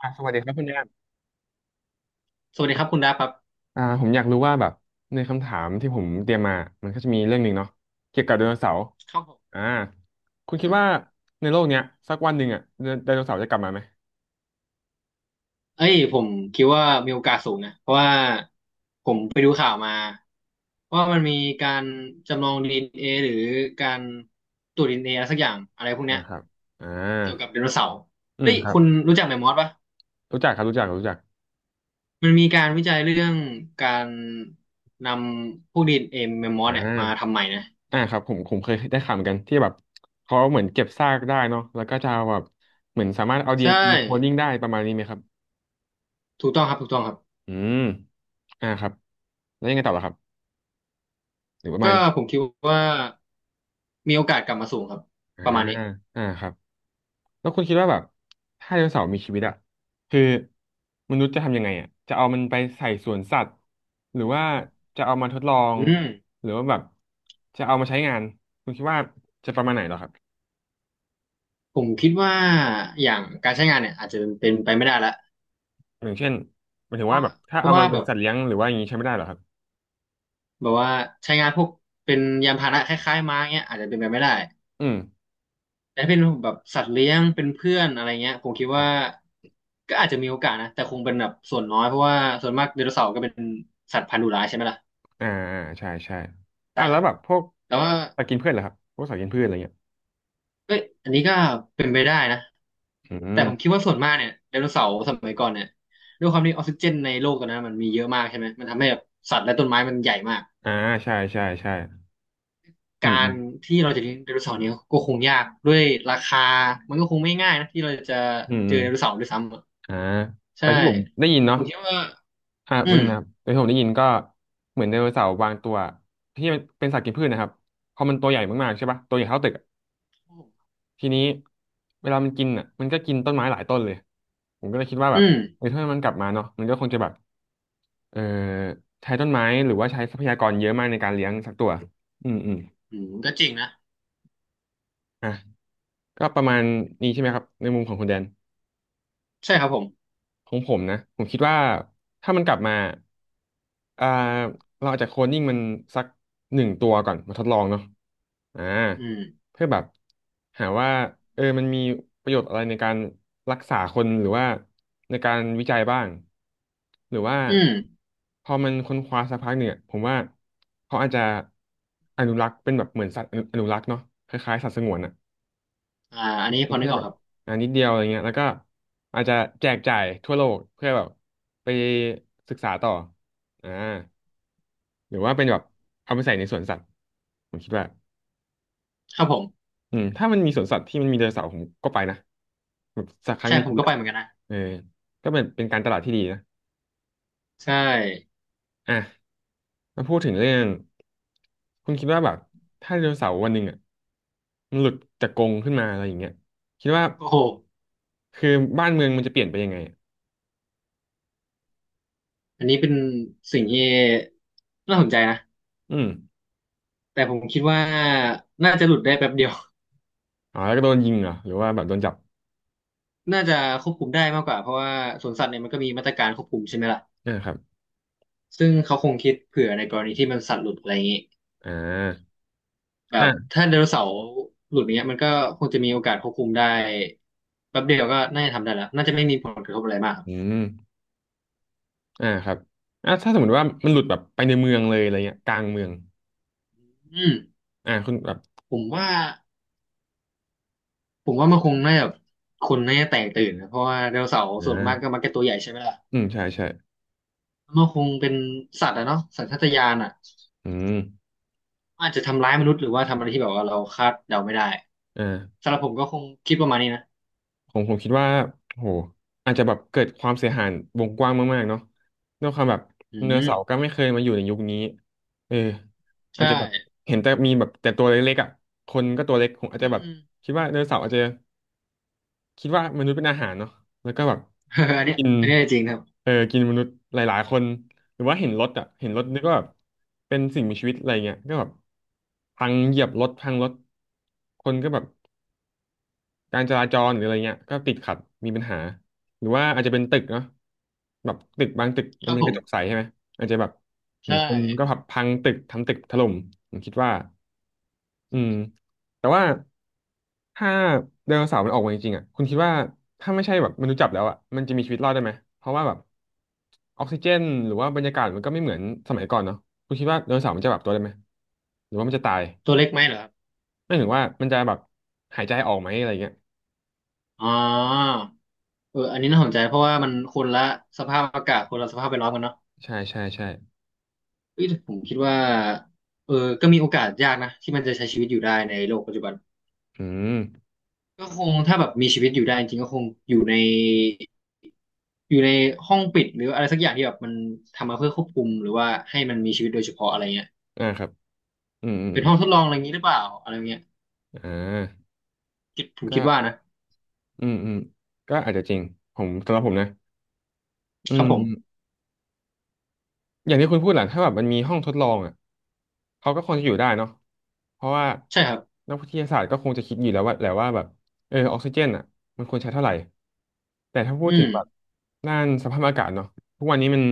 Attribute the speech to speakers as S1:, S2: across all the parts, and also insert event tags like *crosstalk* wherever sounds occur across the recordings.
S1: สวัสดีครับคุณแอม
S2: สวัสดีครับคุณดาครับ
S1: ผมอยากรู้ว่าแบบในคำถามที่ผมเตรียมมามันก็จะมีเรื่องหนึ่งเนาะเกี่ยวกับไดโนเสาร์
S2: ครับผม
S1: อ่าคุณ
S2: อื
S1: คิด
S2: ม
S1: ว่าในโลกเนี้ยสักวันหนึ่งอ่ะไดโนเสาร์จะกลับมาไหม
S2: เอ้ยผมคิดว่ามีโอกาสสูงนะเพราะว่าผมไปดูข่าวมาว่ามันมีการจำลองดีเอ็นเอหรือการตรวจดีเอ็นเออะไรสักอย่างอะไรพวกเนี้
S1: นะ
S2: ย
S1: ครับอ่า
S2: เกี่ยวกับไดโนเสาร์
S1: อื
S2: เฮ้
S1: ม
S2: ย
S1: ครั
S2: คุ
S1: บ
S2: ณรู้จักแมมมอสปะ
S1: รู้จักครับรู้จักรู้จัก
S2: มันมีการวิจัยเรื่องการนำพวกดีเอ็นเอแมมมอ
S1: อ่
S2: สเนี่ยมา
S1: า
S2: ทำใหม่นะ
S1: ครับผมเคยได้ข่าวเหมือนกันที่แบบเขาเหมือนเก็บซากได้เนาะแล้วก็จะเอาแบบเหมือนสามารถเอาดีเอ็
S2: ใช่
S1: นเอโคดิ้งได้ประมาณนี้ไหมครับ
S2: ถูกต้องครับถูกต้องครับ
S1: อืมครับแล้วยังไงต่อล่ะครับหรือประมาณ
S2: ก็
S1: นี้
S2: ผมคิดว่ามีโอกาสกลับมาสูงครับ
S1: อ่า
S2: ประมาณนี้
S1: ครับ แล้วคุณคิดว่าแบบถ้าไดโนเสาร์มีชีวิตอะคือมนุษย์จะทำยังไงอะจะเอามันไปใส่สวนสัตว์หรือว่าจะเอามาทดลอง
S2: อืม
S1: หรือว่าแบบจะเอามาใช้งานคุณคิดว่าจะประมาณไหนเหรอครับ
S2: ผมคิดว่าอย่างการใช้งานเนี่ยอาจจะเป็นไปไม่ได้ละ
S1: อย่างเช่นหมายถึ
S2: เพ
S1: ง
S2: ราะ
S1: ว่าแบบถ้า
S2: เพราะ
S1: เอา
S2: ว่า
S1: มาเป็
S2: แบ
S1: น
S2: บ
S1: สัตว์เลี้ยงหรือว่าอย่างนี้ใช้ไม่ได้เหรอครับ
S2: แบบว่าใช้งานพวกเป็นยานพาหนะคล้ายๆม้าเงี้ยอาจจะเป็นไปไม่ได้
S1: อืม
S2: แต่ถ้าเป็นแบบสัตว์เลี้ยงเป็นเพื่อนอะไรเงี้ยผมคิด
S1: ครั
S2: ว่า
S1: บ
S2: ก็อาจจะมีโอกาสนะแต่คงเป็นแบบส่วนน้อยเพราะว่าส่วนมากไดโนเสาร์ก็เป็นสัตว์พันธุ์ดุร้ายใช่ไหมล่ะ
S1: อ่าใช่ใช่
S2: ได้
S1: แล้
S2: ค
S1: ว
S2: รับ
S1: แบ
S2: ผ
S1: บ
S2: ม
S1: พวก
S2: แต่ว่า
S1: สัตว์กินพืชเหรอครับพวกสัตว์กินพืชอะไรเงี้ย
S2: เอ้ยอันนี้ก็เป็นไปได้นะ
S1: อื
S2: แต่
S1: ม
S2: ผมคิดว่าส่วนมากเนี่ยไดโนเสาร์สมัยก่อนเนี่ยด้วยความที่ออกซิเจนในโลกตอนนั้นมันมีเยอะมากใช่ไหมมันทำให้แบบสัตว์และต้นไม้มันใหญ่มาก
S1: อ่าใช่ใช่ใช่อื
S2: กา
S1: มอื
S2: ร
S1: ม
S2: ที่เราจะเลี้ยงไดโนเสาร์เนี่ยก็คงยากด้วยราคามันก็คงไม่ง่ายนะที่เราจะ
S1: อืม
S2: เจ
S1: อื
S2: อ
S1: ม
S2: ไดโนเสาร์ด้วยซ้ำอะ
S1: อ่า
S2: ใช่
S1: แต่ที่ผมได้ยิน
S2: ผ
S1: เนาะ
S2: มคิดว่าอื
S1: เรื่อ
S2: ม
S1: งนะครับแต่ที่ผมได้ยินก็เหมือนไดโนเสาร์บางตัวที่มันเป็นสัตว์กินพืชนะครับพอมันตัวใหญ่มากๆใช่ปะตัวใหญ่เท่าตึกอะทีนี้เวลามันกินอ่ะมันก็กินต้นไม้หลายต้นเลยผมก็เลยคิดว่าแบ
S2: อื
S1: บ
S2: ม
S1: เออถ้ามันกลับมาเนาะมันก็คงจะแบบเออใช้ต้นไม้หรือว่าใช้ทรัพยากรเยอะมากในการเลี้ยงสักตัวอืมอืม
S2: อืมก็จริงนะ
S1: อ่ะก็ประมาณนี้ใช่ไหมครับในมุมของคุณแดน
S2: ใช่ครับผม
S1: ของผมนะผมคิดว่าถ้ามันกลับมาอ่าเราอาจจะโคลนนิ่งมันสักหนึ่งตัวก่อนมาทดลองเนาะอ่า
S2: อืม
S1: เพื่อแบบหาว่าเออมันมีประโยชน์อะไรในการรักษาคนหรือว่าในการวิจัยบ้างหรือว่า
S2: อืม
S1: พอมันค้นคว้าสักพักเนี่ยผมว่าเขาอาจจะอนุรักษ์เป็นแบบเหมือนสัตว์อนุรักษ์เนาะคล้ายๆสัตว์สงวนอะ
S2: อ่าอันนี้พ
S1: มี
S2: อนึ
S1: แค่
S2: กออ
S1: แบ
S2: กค
S1: บ
S2: รับ
S1: นิดเดียวอะไรเงี้ยแล้วก็อาจจะแจกจ่ายทั่วโลกเพื่อแบบไปศึกษาต่ออ่าหรือว่าเป็นแบบเอาไปใส่ในสวนสัตว์ผมคิดว่า
S2: ครับผม
S1: ถ้ามันมีสวนสัตว์ที่มันมีไดโนเสาร์ผมก็ไปนะแบบสักครั้ง
S2: ใช่
S1: ใน
S2: ผ
S1: ชี
S2: ม
S1: วิ
S2: ก็
S1: ต
S2: ไป
S1: อะ
S2: เหมือนกันนะ
S1: เออก็เป็นการตลาดที่ดีนะ
S2: ใช่
S1: อ่ะมาพูดถึงเรื่องคุณคิดว่าแบบถ้าไดโนเสาร์วันหนึ่งอ่ะมันหลุดจากกรงขึ้นมาอะไรอย่างเงี้ยคิดว่า
S2: โอ้โห
S1: คือบ้านเมืองมันจะเปลี่ยนไปยังไงอะ
S2: อันนี้เป็นสิ่งที่น่าสนใจนะ
S1: อืม
S2: แต่ผมคิดว่าน่าจะหลุดได้แป๊บเดียว
S1: อ๋อแล้วก็โดนยิงเหรอหรือว่าแบบโดนจับ
S2: น่าจะควบคุมได้มากกว่าเพราะว่าสวนสัตว์เนี่ยมันก็มีมาตรการควบคุมใช่ไหมล่ะ
S1: นะครับ
S2: ซึ่งเขาคงคิดเผื่อในกรณีที่มันสัตว์หลุดอะไรอย่างนี้
S1: อ่า
S2: แบบ
S1: อ่า
S2: ถ้าไดโนเสาร์หลุดอย่างเงี้ยมันก็คงจะมีโอกาสควบคุมได้แป๊บเดียวก็น่าจะทำได้แล้วน่าจะไม่มีผลกระทบอะไรมากครั
S1: อื
S2: บ
S1: มครับถ้าสมมติว่ามันหลุดแบบไปในเมืองเลยอะไรเงี้ยกลางเมือง
S2: อืม
S1: คุณแบบ
S2: ผมว่าผมว่ามันคงน่าจะคนน่าจะแตกตื่นนะเพราะว่าไดโนเสาร์
S1: อ่
S2: ส่วนมากก็
S1: า
S2: มักจะตัวใหญ่ใช่ไหมล่ะ
S1: อืมใช่ใช่
S2: มันคงเป็นสัตว์อะเนาะสัญชาตญาณอะ
S1: อืม
S2: อาจจะทำร้ายมนุษย์หรือว่าทำอะไรที่แบบว่าเราคาดเดาไม่ได้
S1: อ่า
S2: สำหรับผมก็คงคิดประมาณนี้นะ
S1: ผมคิดว่าโหอาจจะแบบเกิดความเสียหายวงกว้างมากๆเนาะด้วยความแบบ
S2: อื
S1: ไดโน
S2: ม
S1: เสาร์ก็ไม่เคยมาอยู่ในยุคนี้เอออาจ
S2: ใช่
S1: จะแบบเห็นแต่มีแบบแต่ตัวเล็กๆอ่ะคนก็ตัวเล็กผมอาจ
S2: อื
S1: จะแบบ
S2: ม
S1: คิดว่าไดโนเสาร์อาจจะ คิดว่ามนุษย์เป็นอาหารเนาะแล้วก็แบบ
S2: *laughs* อันเนี้ย
S1: กิน
S2: อันเนี้ยจริงครับ
S1: เออกินมนุษย์หลายๆคน หรือว่าเห็นรถอ่ะเห็นรถ
S2: อื
S1: นึก
S2: ม
S1: ว่าแบบเป็นสิ่งมีชีวิตอะไรเงี้ยก็แบบพังเหยียบรถพังรถคนก็แบบการจราจรหรืออะไรเงี้ยก็ติดขัดมีปัญหา หรือว่าอาจจะเป็นตึกเนาะแบบตึกบางตึก
S2: ค
S1: มัน
S2: รับ
S1: เป็น
S2: ผ
S1: ก
S2: ม
S1: ระจกใสใช่ไหมอาจจะแบบเห็น
S2: ใช่
S1: คนก็พับพังตึกทำตึกถล่มผมคิดว่า อืมแต่ว่าถ้าไดโนเสาร์มันออกมาจริงๆอ่ะคุณคิดว่าถ้าไม่ใช่แบบมนุษย์จับแล้วอ่ะมันจะมีชีวิตรอดได้ไหมเพราะว่าแบบออกซิเจนหรือว่าบรรยากาศมันก็ไม่เหมือนสมัยก่อนเนาะคุณคิดว่าไดโนเสาร์มันจะปรับตัวได้ไหมหรือว่ามันจะตาย
S2: ตัวเล็กไหมเหรอครับ
S1: ไม่ถึงว่ามันจะแบบหายใจออกไหมอะไรเงี้ย
S2: อ๋ออันนี้น่าสนใจเพราะว่ามันคนละสภาพอากาศคนละสภาพแวดล้อมกันเนาะ
S1: ใช่ใช่ใช่
S2: เอ้ยแต่ผมคิดว่าเออก็มีโอกาสยากนะที่มันจะใช้ชีวิตอยู่ได้ในโลกปัจจุบัน
S1: อืม
S2: ก็คงถ้าแบบมีชีวิตอยู่ได้จริงๆก็คงอยู่ในอยู่ในห้องปิดหรืออะไรสักอย่างที่แบบมันทำมาเพื่อควบคุมหรือว่าให้มันมีชีวิตโดยเฉพาะอะไรเงี้ย
S1: ครับอืมอืม
S2: เป็น
S1: อม
S2: ห้องทดลองอะไรอย่างนี้หรือเปล่าอะไรเงี้ย
S1: อ่า
S2: คิดผมคิ
S1: ก็
S2: ดว่านะ
S1: อืมอืมก็อาจจะจริงผมสำหรับผมนะอื
S2: ครับผม
S1: ม อย่างที่คุณพูดแหละถ้าแบบมันมีห้องทดลองอ่ะเขาก็คงจะอยู่ได้เนาะเพราะว่า
S2: ใช่ครับ
S1: นักวิทยาศาสตร์ก็คงจะคิดอยู่แล้วว่าแหละว่าแบบออกซิเจนอ่ะมันควรใช้เท่าไหร่แต่ถ้าพู
S2: อื
S1: ดถึงแบบ
S2: ม
S1: ด้านสภาพอากาศเนาะทุกวันนี้มัน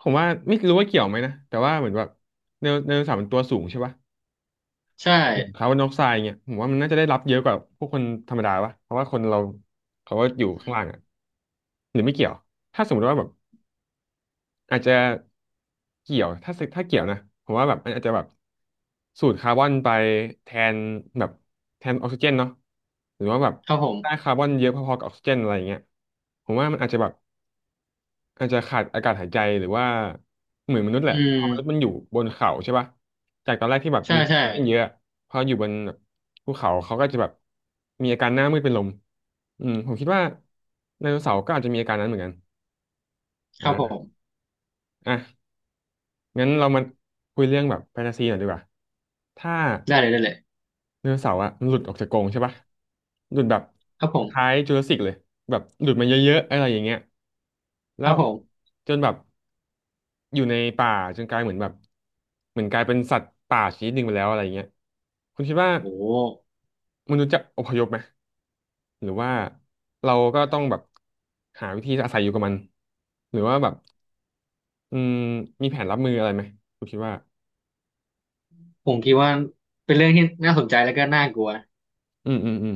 S1: ผมว่าไม่รู้ว่าเกี่ยวไหมนะแต่ว่าเหมือนแบบไดโนเสาร์มันตัวสูงใช่ปะ
S2: ใช่
S1: ส่วนคาร์บอนไดออกไซด์เนี่ยผมว่ามันน่าจะได้รับเยอะกว่าพวกคนธรรมดาปะเพราะว่าคนเราเขาก็อยู่ข้า
S2: อื
S1: ง
S2: ม
S1: ล่างอ่ะหรือไม่เกี่ยวถ้าสมมติว่าแบบ อาจจะเกี่ยวถ้าสึกถ้าเกี่ยวนะผมว่าแบบมันอาจจะแบบสูดคาร์บอนไปแทนแบบแทนออกซิเจนเนาะหรือว่าแบบ
S2: ครับผม
S1: ได้คาร์บอนเยอะพอๆกับออกซิเจนอะไรอย่างเงี้ยผมว่ามันอาจจะแบบอาจจะขาดอากาศหายใจหรือว่าเหมือนมนุษย์แห
S2: อื
S1: ละพอมนุษย์มัน
S2: ม
S1: อยู่บนเขาใช่ปะจากตอนแรกที่แบบ
S2: ใช่
S1: มีอ
S2: ใช่
S1: อกซิเจนเยอะพออยู่บนแบบภูเขาเขาก็จะแบบมีอาการหน้ามืดเป็นลมอืมผมคิดว่าไดโนเสาร์ก็อาจจะมีอาการนั้นเหมือนกัน
S2: ครับผม
S1: อ่าอ่ะ งั้นเรามาคุยเรื่องแบบแฟนตาซีหน่อยดีกว่าถ้า
S2: ได้เลยได้เลย
S1: ไดโนเสาร์อะมันหลุดออกจากกรงใช่ปะหลุดแบบ
S2: ครับผ
S1: คล้า
S2: ม
S1: ยจูราสสิกเลยแบบหลุดมาเยอะๆอะไรอย่างเงี้ย
S2: ค
S1: แล้
S2: รับ
S1: ว
S2: ผม
S1: จนแบบอยู่ในป่าจนกลายเหมือนแบบเหมือนกลายเป็นสัตว์ป่าชนิดหนึ่งไปแล้วอะไรอย่างเงี้ยคุณคิดว่า
S2: โอ้
S1: มนุษย์จะอพยพไหม หรือว่าเราก็ต้
S2: แบบ
S1: องแบบหาวิธีอาศัยอยู่กับมัน หรือว่าแบบอืมมีแผนรับมืออะไรไหมคุณคิดว่า
S2: ผมคิดว่าเป็นเรื่องที่น่าสนใจแล้วก็น่ากลัว
S1: อืมอืมอืม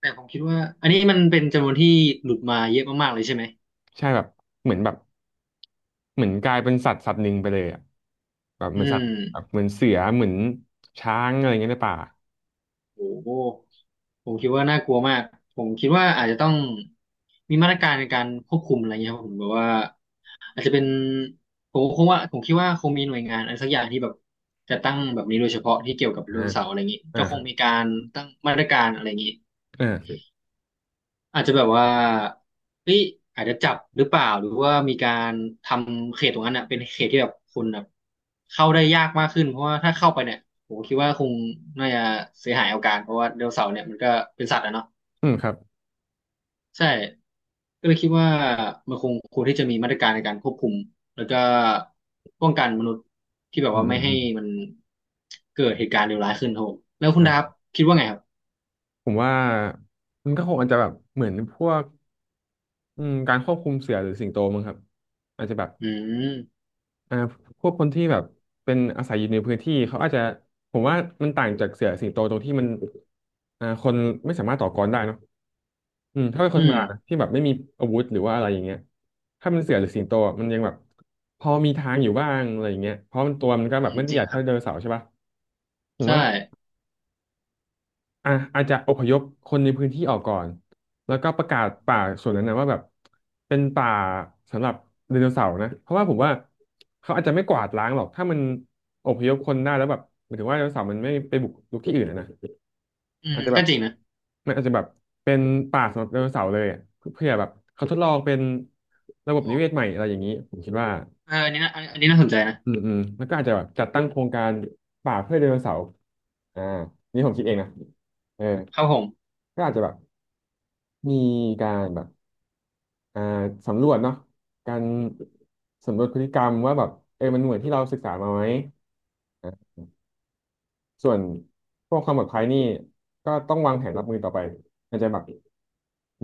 S2: แต่ผมคิดว่าอันนี้มันเป็นจำนวนที่หลุดมาเยอะมากๆเลยใช่ไหม
S1: ใช่แบบเหมือนแบบเหมือนกลายเป็นสัตว์หนึ่งไปเลยอ่ะแบบเห
S2: อื
S1: มือนสัต
S2: ม
S1: ว์แบบเหมือนเสือเหมือนช้างอะไรเงี้ยในป่า
S2: โอ้โหผมคิดว่าน่ากลัวมากผมคิดว่าอาจจะต้องมีมาตรการในการควบคุมอะไรเงี้ยครับผมแบบว่าอาจจะเป็นผมคงว่าผมคิดว่าคงมีหน่วยงานอะไรสักอย่างที่แบบจะตั้งแบบนี้โดยเฉพาะที่เกี่ยวกับได
S1: อ่า
S2: โนเสาร์อะไรอย่างนี้
S1: อ่า
S2: ก็ค
S1: ครั
S2: ง
S1: บ
S2: มีการตั้งมาตรการอะไรอย่างนี้
S1: อ่า
S2: อาจจะแบบว่าเฮ้ยอาจจะจับหรือเปล่าหรือว่ามีการทำเขตตรงนั้นอ่ะเป็นเขตที่แบบคนแบบเข้าได้ยากมากขึ้นเพราะว่าถ้าเข้าไปเนี่ยผมคิดว่าคงน่าจะเสียหายเอาการเพราะว่าไดโนเสาร์เนี่ยมันก็เป็นสัตว์อะเนาะ
S1: อืมครับ
S2: ใช่ก็เลยคิดว่ามันคงควรที่จะมีมาตรการในการควบคุมแล้วก็ป้องกันมนุษย์ที่แบบ
S1: อืม
S2: ว่า
S1: อื
S2: ไม่
S1: ม
S2: ให้
S1: อืม
S2: มันเกิดเหตุการณ์เลวร้ายขึ้นครับผมแล้วคุณ
S1: อ่า
S2: ดา
S1: ครั
S2: บ
S1: บ
S2: คิดว่าไงครับ
S1: ผมว่ามันก็คงอาจจะแบบเหมือนพวกอืมการควบคุมเสือหรือสิงโตมั้งครับอาจจะแบบ
S2: อืม
S1: อ่าพวกคนที่แบบเป็นอาศัยอยู่ในพื้นที่เขาอาจจะผมว่ามันต่างจากเสือสิงโตตรงที่มันคนไม่สามารถต่อกรได้เนอะ อืมถ้าเป็นคนธ
S2: อื
S1: รรม
S2: ม
S1: ดานะที่แบบไม่มีอาวุธหรือว่าอะไรอย่างเงี้ยถ้าเป็นเสือหรือสิงโตอะมันยังแบบพอมีทางอยู่บ้างอะไรอย่างเงี้ยเพราะมันตัวมันก็
S2: อื
S1: แบบ
S2: ม
S1: ไม่ได้
S2: จ
S1: ให
S2: ริง
S1: ญ่
S2: ค
S1: เท่า
S2: รับ
S1: ไดโนเสาร์ใช่ปะผม
S2: ใช่
S1: ว่า อ่ะอาจจะอพยพคนในพื้นที่ออกก่อนแล้วก็ประกาศป่าส่วนนั้นนะว่าแบบเป็นป่าสำหรับไดโนเสาร์นะเพราะว่าผมว่าเขาอาจจะไม่กวาดล้างหรอกถ้ามันอพยพคนได้แล้วแบบหมายถึงว่าไดโนเสาร์มันไม่ไปบุกรุกที่อื่นอะนะ
S2: อืม
S1: อาจจะแบ
S2: ก็
S1: บ
S2: จริงนะ
S1: มันอาจจะแบบเป็นป่าสำหรับไดโนเสาร์เลยอะเพื่อแบบเขาทดลองเป็นระบ
S2: โอ้
S1: บนิเวศใหม่อะไรอย่างนี้ผมคิดว่า
S2: อันนี้นะอันนี้น่าสนใจนะ
S1: อืมอืมแล้วก็อาจจะแบบจัดตั้งโครงการป่าเพื่อไดโนเสาร์อ่านี่ผมคิดเองนะเออ
S2: ครับผม
S1: ก็อาจจะแบบ มีการแบบอ่าสำรวจเนาะการสำรวจพฤติกรรมว่าแบบมันเหมือนที่เราศึกษามาไหมนะส่วนพวกความปลอดภัยนี่ก็ต้องวางแผนรับมือต่อไปมันจะแบบ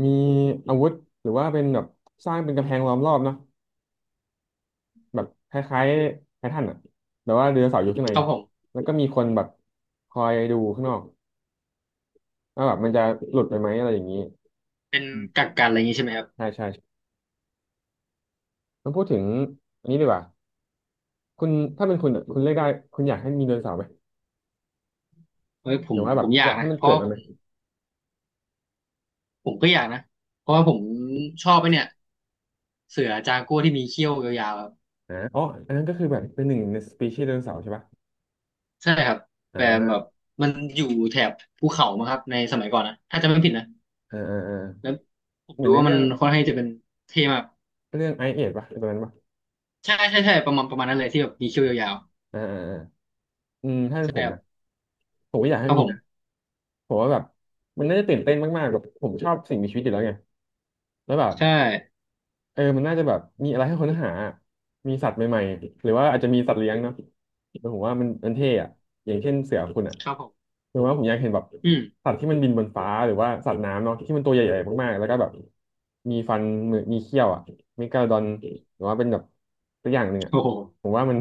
S1: มีอาวุธหรือว่าเป็นแบบสร้างเป็นกำแพงล้อมรอบเนาะแบบคล้ายๆไททันอะแต่ว่าเรือเสาอยู่ข้างใน
S2: ครับผม
S1: แล้วก็มีคนแบบคอยดูข้างนอกว่าแบบมันจะหลุดไปไหมอะไรอย่างนี้
S2: เป็นกักกันอะไรอย่างงี้ใช่ไหมครับ
S1: ใช่ใช่มัพูดถึงอันนี้ดีกว่าคุณถ้าเป็นคุณอะคุณเลือกได้คุณอยากให้มีไดโนเสาร์ไหม
S2: เฮ้ยผ
S1: หรื
S2: ม
S1: อว่าแบ
S2: ผ
S1: บ
S2: มอยา
S1: อ
S2: ก
S1: ยากให้
S2: นะ
S1: มัน
S2: เพราะ
S1: เกิด
S2: ว่า
S1: มัน
S2: ผ
S1: ไหม
S2: มผมก็อยากนะเพราะว่าผมชอบไอ้เนี่ยเสือจากัวที่มีเขี้ยวยาวๆครับ
S1: อ่าอ๋ออันนั้นก็คือแบบเป็นหนึ่งในสปีชีส์ไดโนเสาร์ใช่ปะ
S2: ใช่ครับแต่แบบ
S1: อ่า
S2: มันอยู่แถบภูเขามั้งครับในสมัยก่อนนะถ้าจำไม่ผิดนะ
S1: อ่าอ่าอ่า
S2: แล้วผม
S1: เหมือ
S2: ดู
S1: นใน
S2: ว่ามั
S1: เรื่
S2: น
S1: อง
S2: ค่อนข้างจะเป็นเท่มาก
S1: เรื่องไอเอดปะตอนนั้นปะ
S2: ใช่ใช่ใช่ประมาณประมาณนั้นเลยที่แบบมีเขี้ยวยาว
S1: อ่าอ่าอาอืมถ้า
S2: ๆ
S1: เป็น
S2: ใช่
S1: ผม
S2: ครั
S1: นะ
S2: บ
S1: ผมก็อยาก
S2: ค
S1: ให้
S2: รับ
S1: มี
S2: ผ
S1: นะ
S2: ม
S1: ผมว่าแบบมันน่าจะตื่นเต้นมากๆแบบผมชอบสิ่งมีชีวิตอยู่แล้วไงแล้วแบบ
S2: ใช่
S1: มันน่าจะแบบมีอะไรให้ค้นหามีสัตว์ใหม่ๆหรือว่าอาจจะมีสัตว์เลี้ยงเนาะแต่ผมว่ามันเท่อะอย่างเช่นเสือคุณอะ
S2: ครับผม
S1: หรือว่าผมอยากเห็นแบบ
S2: อืม
S1: สัตว์ที่มันบินบนฟ้าหรือว่าสัตว์น้ำเนาะที่มันตัวใหญ่ๆมากๆแล้วก็แบบมีฟันมือมีเขี้ยวอะเมกาโดอนหรือว่าเป็นแบบตัวอย่างหนึ่งอะ
S2: โอ้โห
S1: ผมว่ามัน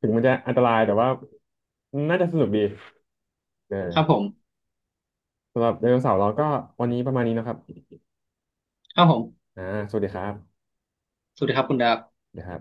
S1: ถึงมันจะอันตรายแต่ว่าน่าจะสนุกดีเอ
S2: ครับผ
S1: อ
S2: ม
S1: สำหรับไดโนเสาร์เราก็วันนี้ประมาณนี้นะครับ
S2: ครับผม
S1: อ่าสวัสดีครับ
S2: สวัสดีครับคุณดาบ
S1: นะครับ